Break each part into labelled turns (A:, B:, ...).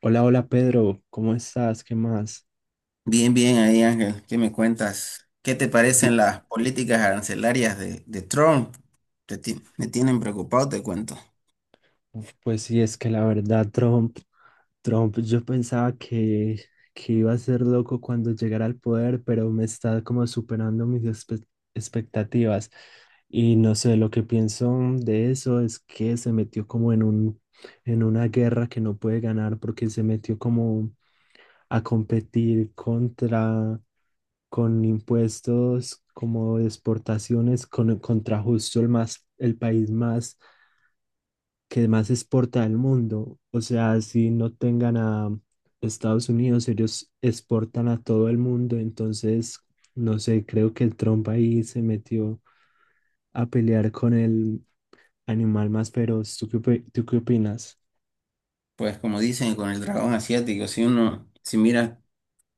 A: Hola, hola Pedro, ¿cómo estás? ¿Qué más?
B: Bien, bien, ahí Ángel, ¿qué me cuentas? ¿Qué te
A: Bi-
B: parecen las políticas arancelarias de Trump? Me tienen preocupado, te cuento.
A: Uf, pues sí, es que la verdad, Trump, yo pensaba que iba a ser loco cuando llegara al poder, pero me está como superando mis expectativas. Y no sé, lo que pienso de eso es que se metió como en en una guerra que no puede ganar porque se metió como a competir con impuestos como de exportaciones contra justo el el país más que más exporta del mundo. O sea, si no tengan a Estados Unidos, ellos exportan a todo el mundo. Entonces, no sé, creo que Trump ahí se metió a pelear con el animal más feroz. ¿Tú tú qué opinas?
B: Pues como dicen, con el dragón asiático, si mira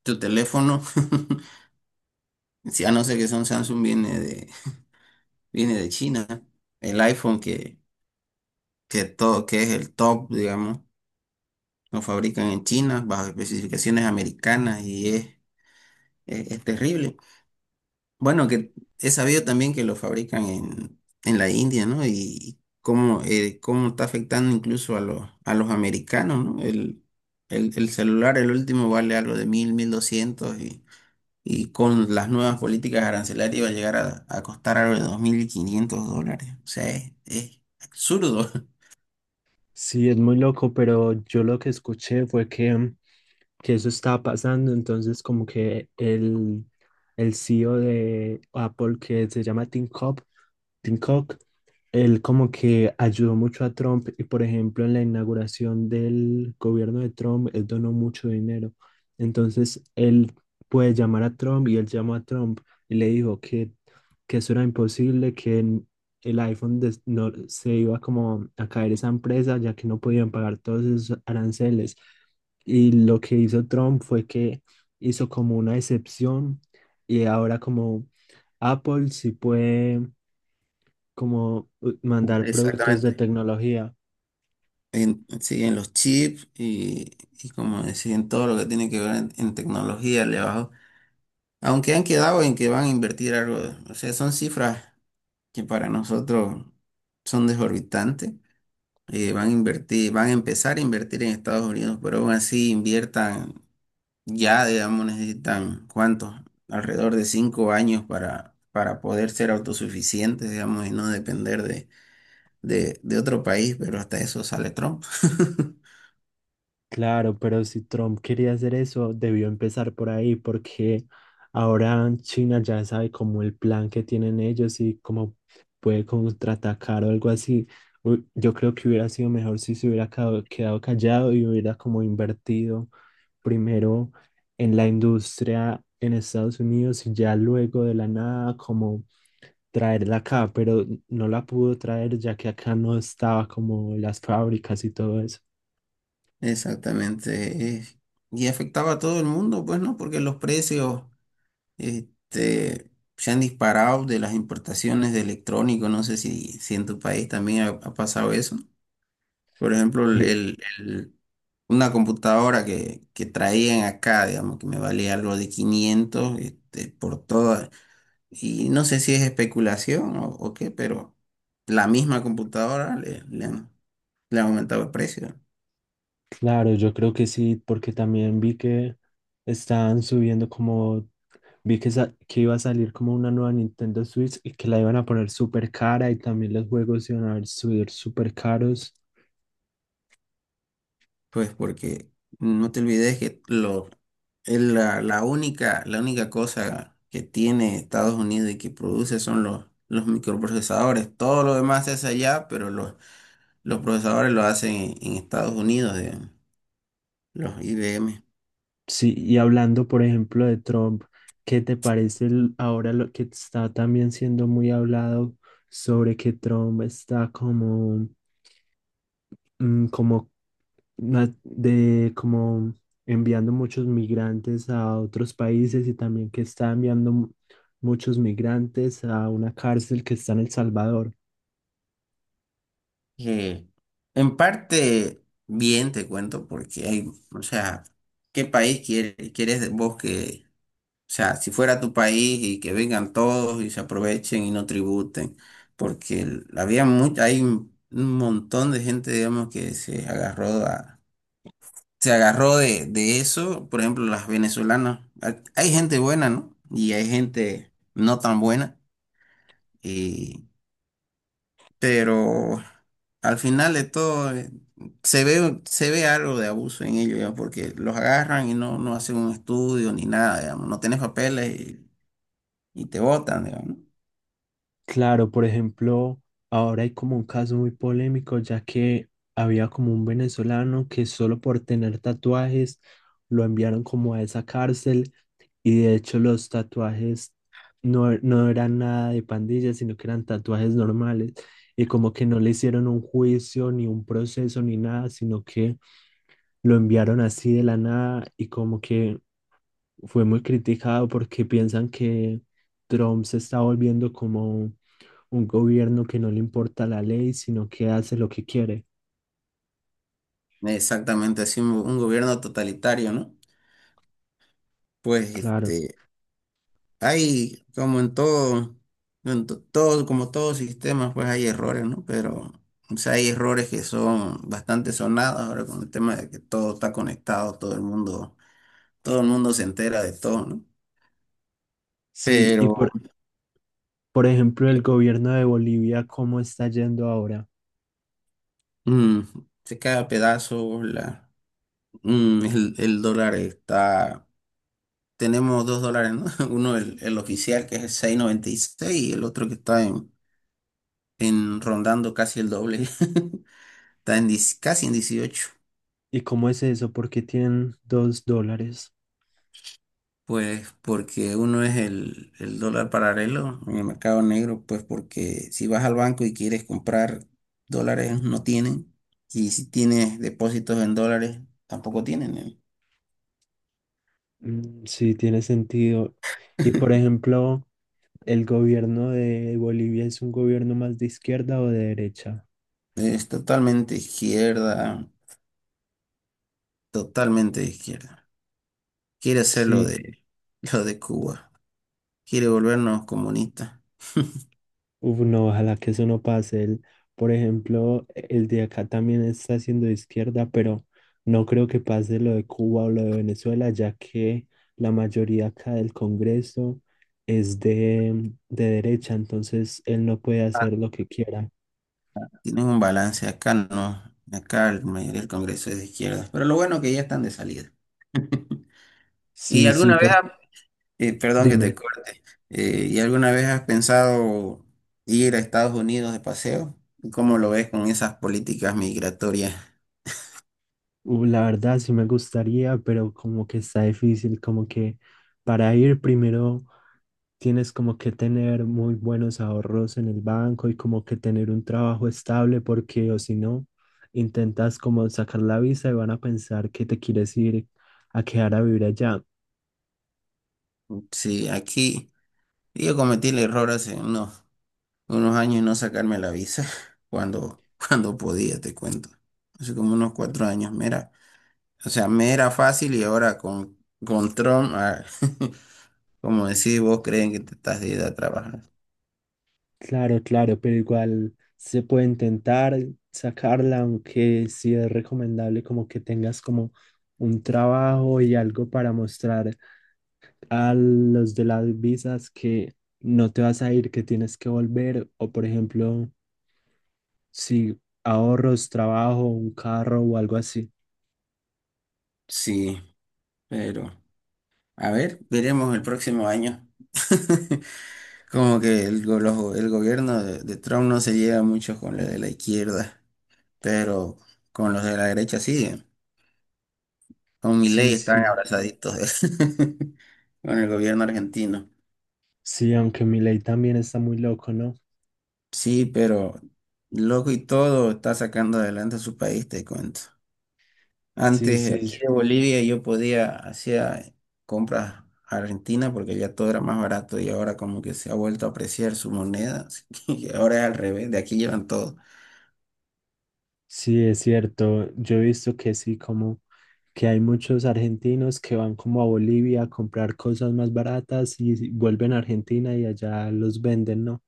B: tu teléfono, si a no ser que son Samsung, viene de China. El iPhone que todo, que es el top, digamos, lo fabrican en China bajo especificaciones americanas y es terrible. Bueno, que he sabido también que lo fabrican en la India, ¿no? Y cómo, cómo está afectando incluso a a los americanos, ¿no? El celular, el último, vale algo de 1.200, y con las nuevas políticas arancelarias va a llegar a costar algo de 2.500 dólares. O sea, es absurdo.
A: Sí, es muy loco, pero yo lo que escuché fue que eso estaba pasando, entonces como que el CEO de Apple, que se llama Tim Cook, él como que ayudó mucho a Trump y por ejemplo en la inauguración del gobierno de Trump, él donó mucho dinero. Entonces él puede llamar a Trump y él llamó a Trump y le dijo que eso era imposible, el iPhone des- no, se iba como a caer esa empresa ya que no podían pagar todos esos aranceles. Y lo que hizo Trump fue que hizo como una excepción y ahora como Apple sí puede como mandar productos de
B: Exactamente.
A: tecnología.
B: En, sí, en los chips y como decía, en todo lo que tiene que ver en tecnología, le bajó. Aunque han quedado en que van a invertir algo, o sea, son cifras que para nosotros son desorbitantes. Van a invertir, van a empezar a invertir en Estados Unidos, pero aún así inviertan ya, digamos, necesitan cuántos, alrededor de 5 años para poder ser autosuficientes, digamos, y no depender de otro país, pero hasta eso sale Trump.
A: Claro, pero si Trump quería hacer eso, debió empezar por ahí, porque ahora China ya sabe como el plan que tienen ellos y cómo puede contraatacar o algo así. Uy, yo creo que hubiera sido mejor si se hubiera quedado callado y hubiera como invertido primero en la industria en Estados Unidos y ya luego de la nada como traerla acá, pero no la pudo traer ya que acá no estaba como las fábricas y todo eso.
B: Exactamente. Y afectaba a todo el mundo, pues, ¿no? Porque los precios. Este, se han disparado de las importaciones de electrónicos. No sé si, si en tu país también ha pasado eso. Por ejemplo,
A: Eh,
B: una computadora que traían acá, digamos, que me valía algo de quinientos, este, por toda. Y no sé si es especulación o qué, pero la misma computadora le han aumentado el precio.
A: claro, yo creo que sí, porque también vi que estaban subiendo vi que iba a salir como una nueva Nintendo Switch y que la iban a poner súper cara y también los juegos iban a subir súper caros.
B: Pues porque no te olvides que lo, es la única cosa que tiene Estados Unidos y que produce son los microprocesadores. Todo lo demás se hace allá, pero los procesadores lo hacen en Estados Unidos, digamos, los IBM.
A: Sí, y hablando, por ejemplo, de Trump, ¿qué te parece ahora lo que está también siendo muy hablado sobre que Trump está como mm, como na- de como enviando muchos migrantes a otros países y también que está enviando muchos migrantes a una cárcel que está en El Salvador.
B: Que en parte bien te cuento, porque hay, o sea, ¿quieres vos que? O sea, si fuera tu país y que vengan todos y se aprovechen y no tributen, porque había mucha, hay un montón de gente, digamos, que se agarró a- se agarró de eso, por ejemplo, las venezolanas. Hay gente buena, ¿no? Y hay gente no tan buena, y, pero al final de todo, se ve algo de abuso en ellos, ya, porque los agarran y no, no hacen un estudio ni nada, digamos, no tenés papeles, y te botan, digamos, ¿no?
A: Claro, por ejemplo, ahora hay como un caso muy polémico, ya que había como un venezolano que solo por tener tatuajes lo enviaron como a esa cárcel. Y de hecho los tatuajes no eran nada de pandillas, sino que eran tatuajes normales. Y como que no le hicieron un juicio, ni un proceso, ni nada, sino que lo enviaron así de la nada y como que fue muy criticado porque piensan que Trump se está volviendo como un gobierno que no le importa la ley, sino que hace lo que quiere.
B: Exactamente, así un gobierno totalitario, ¿no? Pues
A: Claro.
B: este, hay como en todo, todo, como todo sistema, pues hay errores, ¿no? Pero o sea, hay errores que son bastante sonados ahora con el tema de que todo está conectado, todo el mundo se entera de todo, ¿no?
A: Sí,
B: Pero
A: por ejemplo, el gobierno de Bolivia, ¿cómo está yendo ahora?
B: mm, se cae a pedazos la, mm, el dólar está, tenemos dos dólares, ¿no? Uno, el oficial, que es el 6.96 y seis, y el otro que está en rondando casi el doble, está en 10, casi en 18,
A: ¿Y cómo es eso? ¿Por qué tienen dos dólares?
B: pues porque uno es el dólar paralelo en el mercado negro, pues porque si vas al banco y quieres comprar dólares, no tienen, y si tienes depósitos en dólares tampoco tienen, ¿eh?
A: Mm, sí, tiene sentido. Y por ejemplo, ¿el gobierno de Bolivia es un gobierno más de izquierda o de derecha?
B: Es totalmente izquierda, totalmente de izquierda. Quiere hacer
A: Sí,
B: lo de Cuba, quiere volvernos comunistas.
A: uf, no, ojalá que eso no pase. Por ejemplo, el de acá también está siendo de izquierda, pero no creo que pase lo de Cuba o lo de Venezuela, ya que la mayoría acá del Congreso es de derecha, entonces él no puede hacer lo que quiera.
B: Tienen un balance, acá no, acá la mayoría del Congreso es de izquierda, pero lo bueno que ya están de salida. ¿Y
A: Sí, sí,
B: alguna vez, ha- perdón que te
A: dime.
B: corte, ¿y alguna vez has pensado ir a Estados Unidos de paseo? ¿Cómo lo ves con esas políticas migratorias?
A: La verdad sí me gustaría, pero como que está difícil, como que para ir primero tienes como que tener muy buenos ahorros en el banco y como que tener un trabajo estable porque o si no, intentas como sacar la visa y van a pensar que te quieres ir a quedar a vivir allá.
B: Sí, aquí yo cometí el error hace unos años no sacarme la visa cuando, cuando podía, te cuento. Hace como unos 4 años, mira. O sea, me era fácil y ahora con Trump, ah, como decís, vos creen que te estás de ir a trabajar.
A: Claro, claro, pero igual se puede intentar sacarla, aunque sí es recomendable como que tengas como un trabajo y algo para mostrar a los de las visas que no te vas a ir, que tienes que volver, o por ejemplo, si ahorros, trabajo, un carro o algo así.
B: Sí, pero a ver, veremos el próximo año. Como que el gobierno de Trump no se lleva mucho con los de la izquierda, pero con los de la derecha sí. Con
A: Sí,
B: Milei están
A: sí,
B: abrazaditos con el gobierno argentino.
A: sí, aunque mi ley también está muy loco, ¿no?
B: Sí, pero loco y todo, está sacando adelante a su país, te cuento.
A: Sí,
B: Antes
A: sí,
B: aquí
A: sí,
B: de Bolivia yo podía hacía compras a Argentina porque ya todo era más barato y ahora como que se ha vuelto a apreciar su moneda, así que ahora es al revés, de aquí llevan todo.
A: sí, es cierto. Yo he visto que sí, como que hay muchos argentinos que van como a Bolivia a comprar cosas más baratas y vuelven a Argentina y allá los venden, ¿no?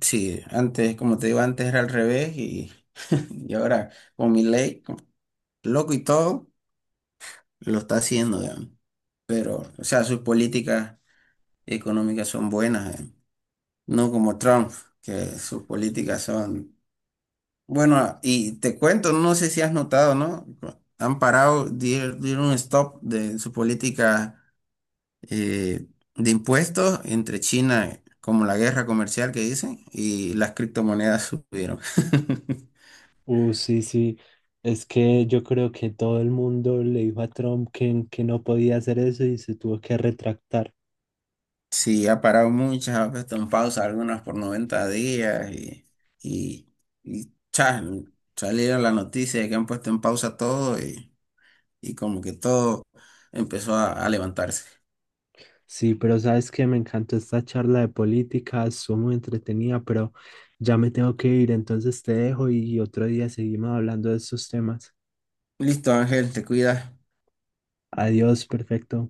B: Sí, antes, como te digo, antes era al revés, y y ahora con mi ley, loco y todo, lo está haciendo, digamos. Pero, o sea, sus políticas económicas son buenas, digamos. No como Trump, que sus políticas son. Bueno, y te cuento, no sé si has notado, ¿no? Han parado, dieron un stop de su política eh, de impuestos entre China, como la guerra comercial que dicen, y las criptomonedas subieron.
A: Sí, sí. Es que yo creo que todo el mundo le dijo a Trump que no podía hacer eso y se tuvo que retractar.
B: Sí, ha parado muchas, ha puesto en pausa algunas por 90 días, y, y cha, salieron la noticia de que han puesto en pausa todo, y como que todo empezó a levantarse.
A: Sí, pero sabes que me encantó esta charla de política, estuvo muy entretenida, pero ya me tengo que ir, entonces te dejo y otro día seguimos hablando de estos temas.
B: Listo, Ángel, te cuidas.
A: Adiós, perfecto.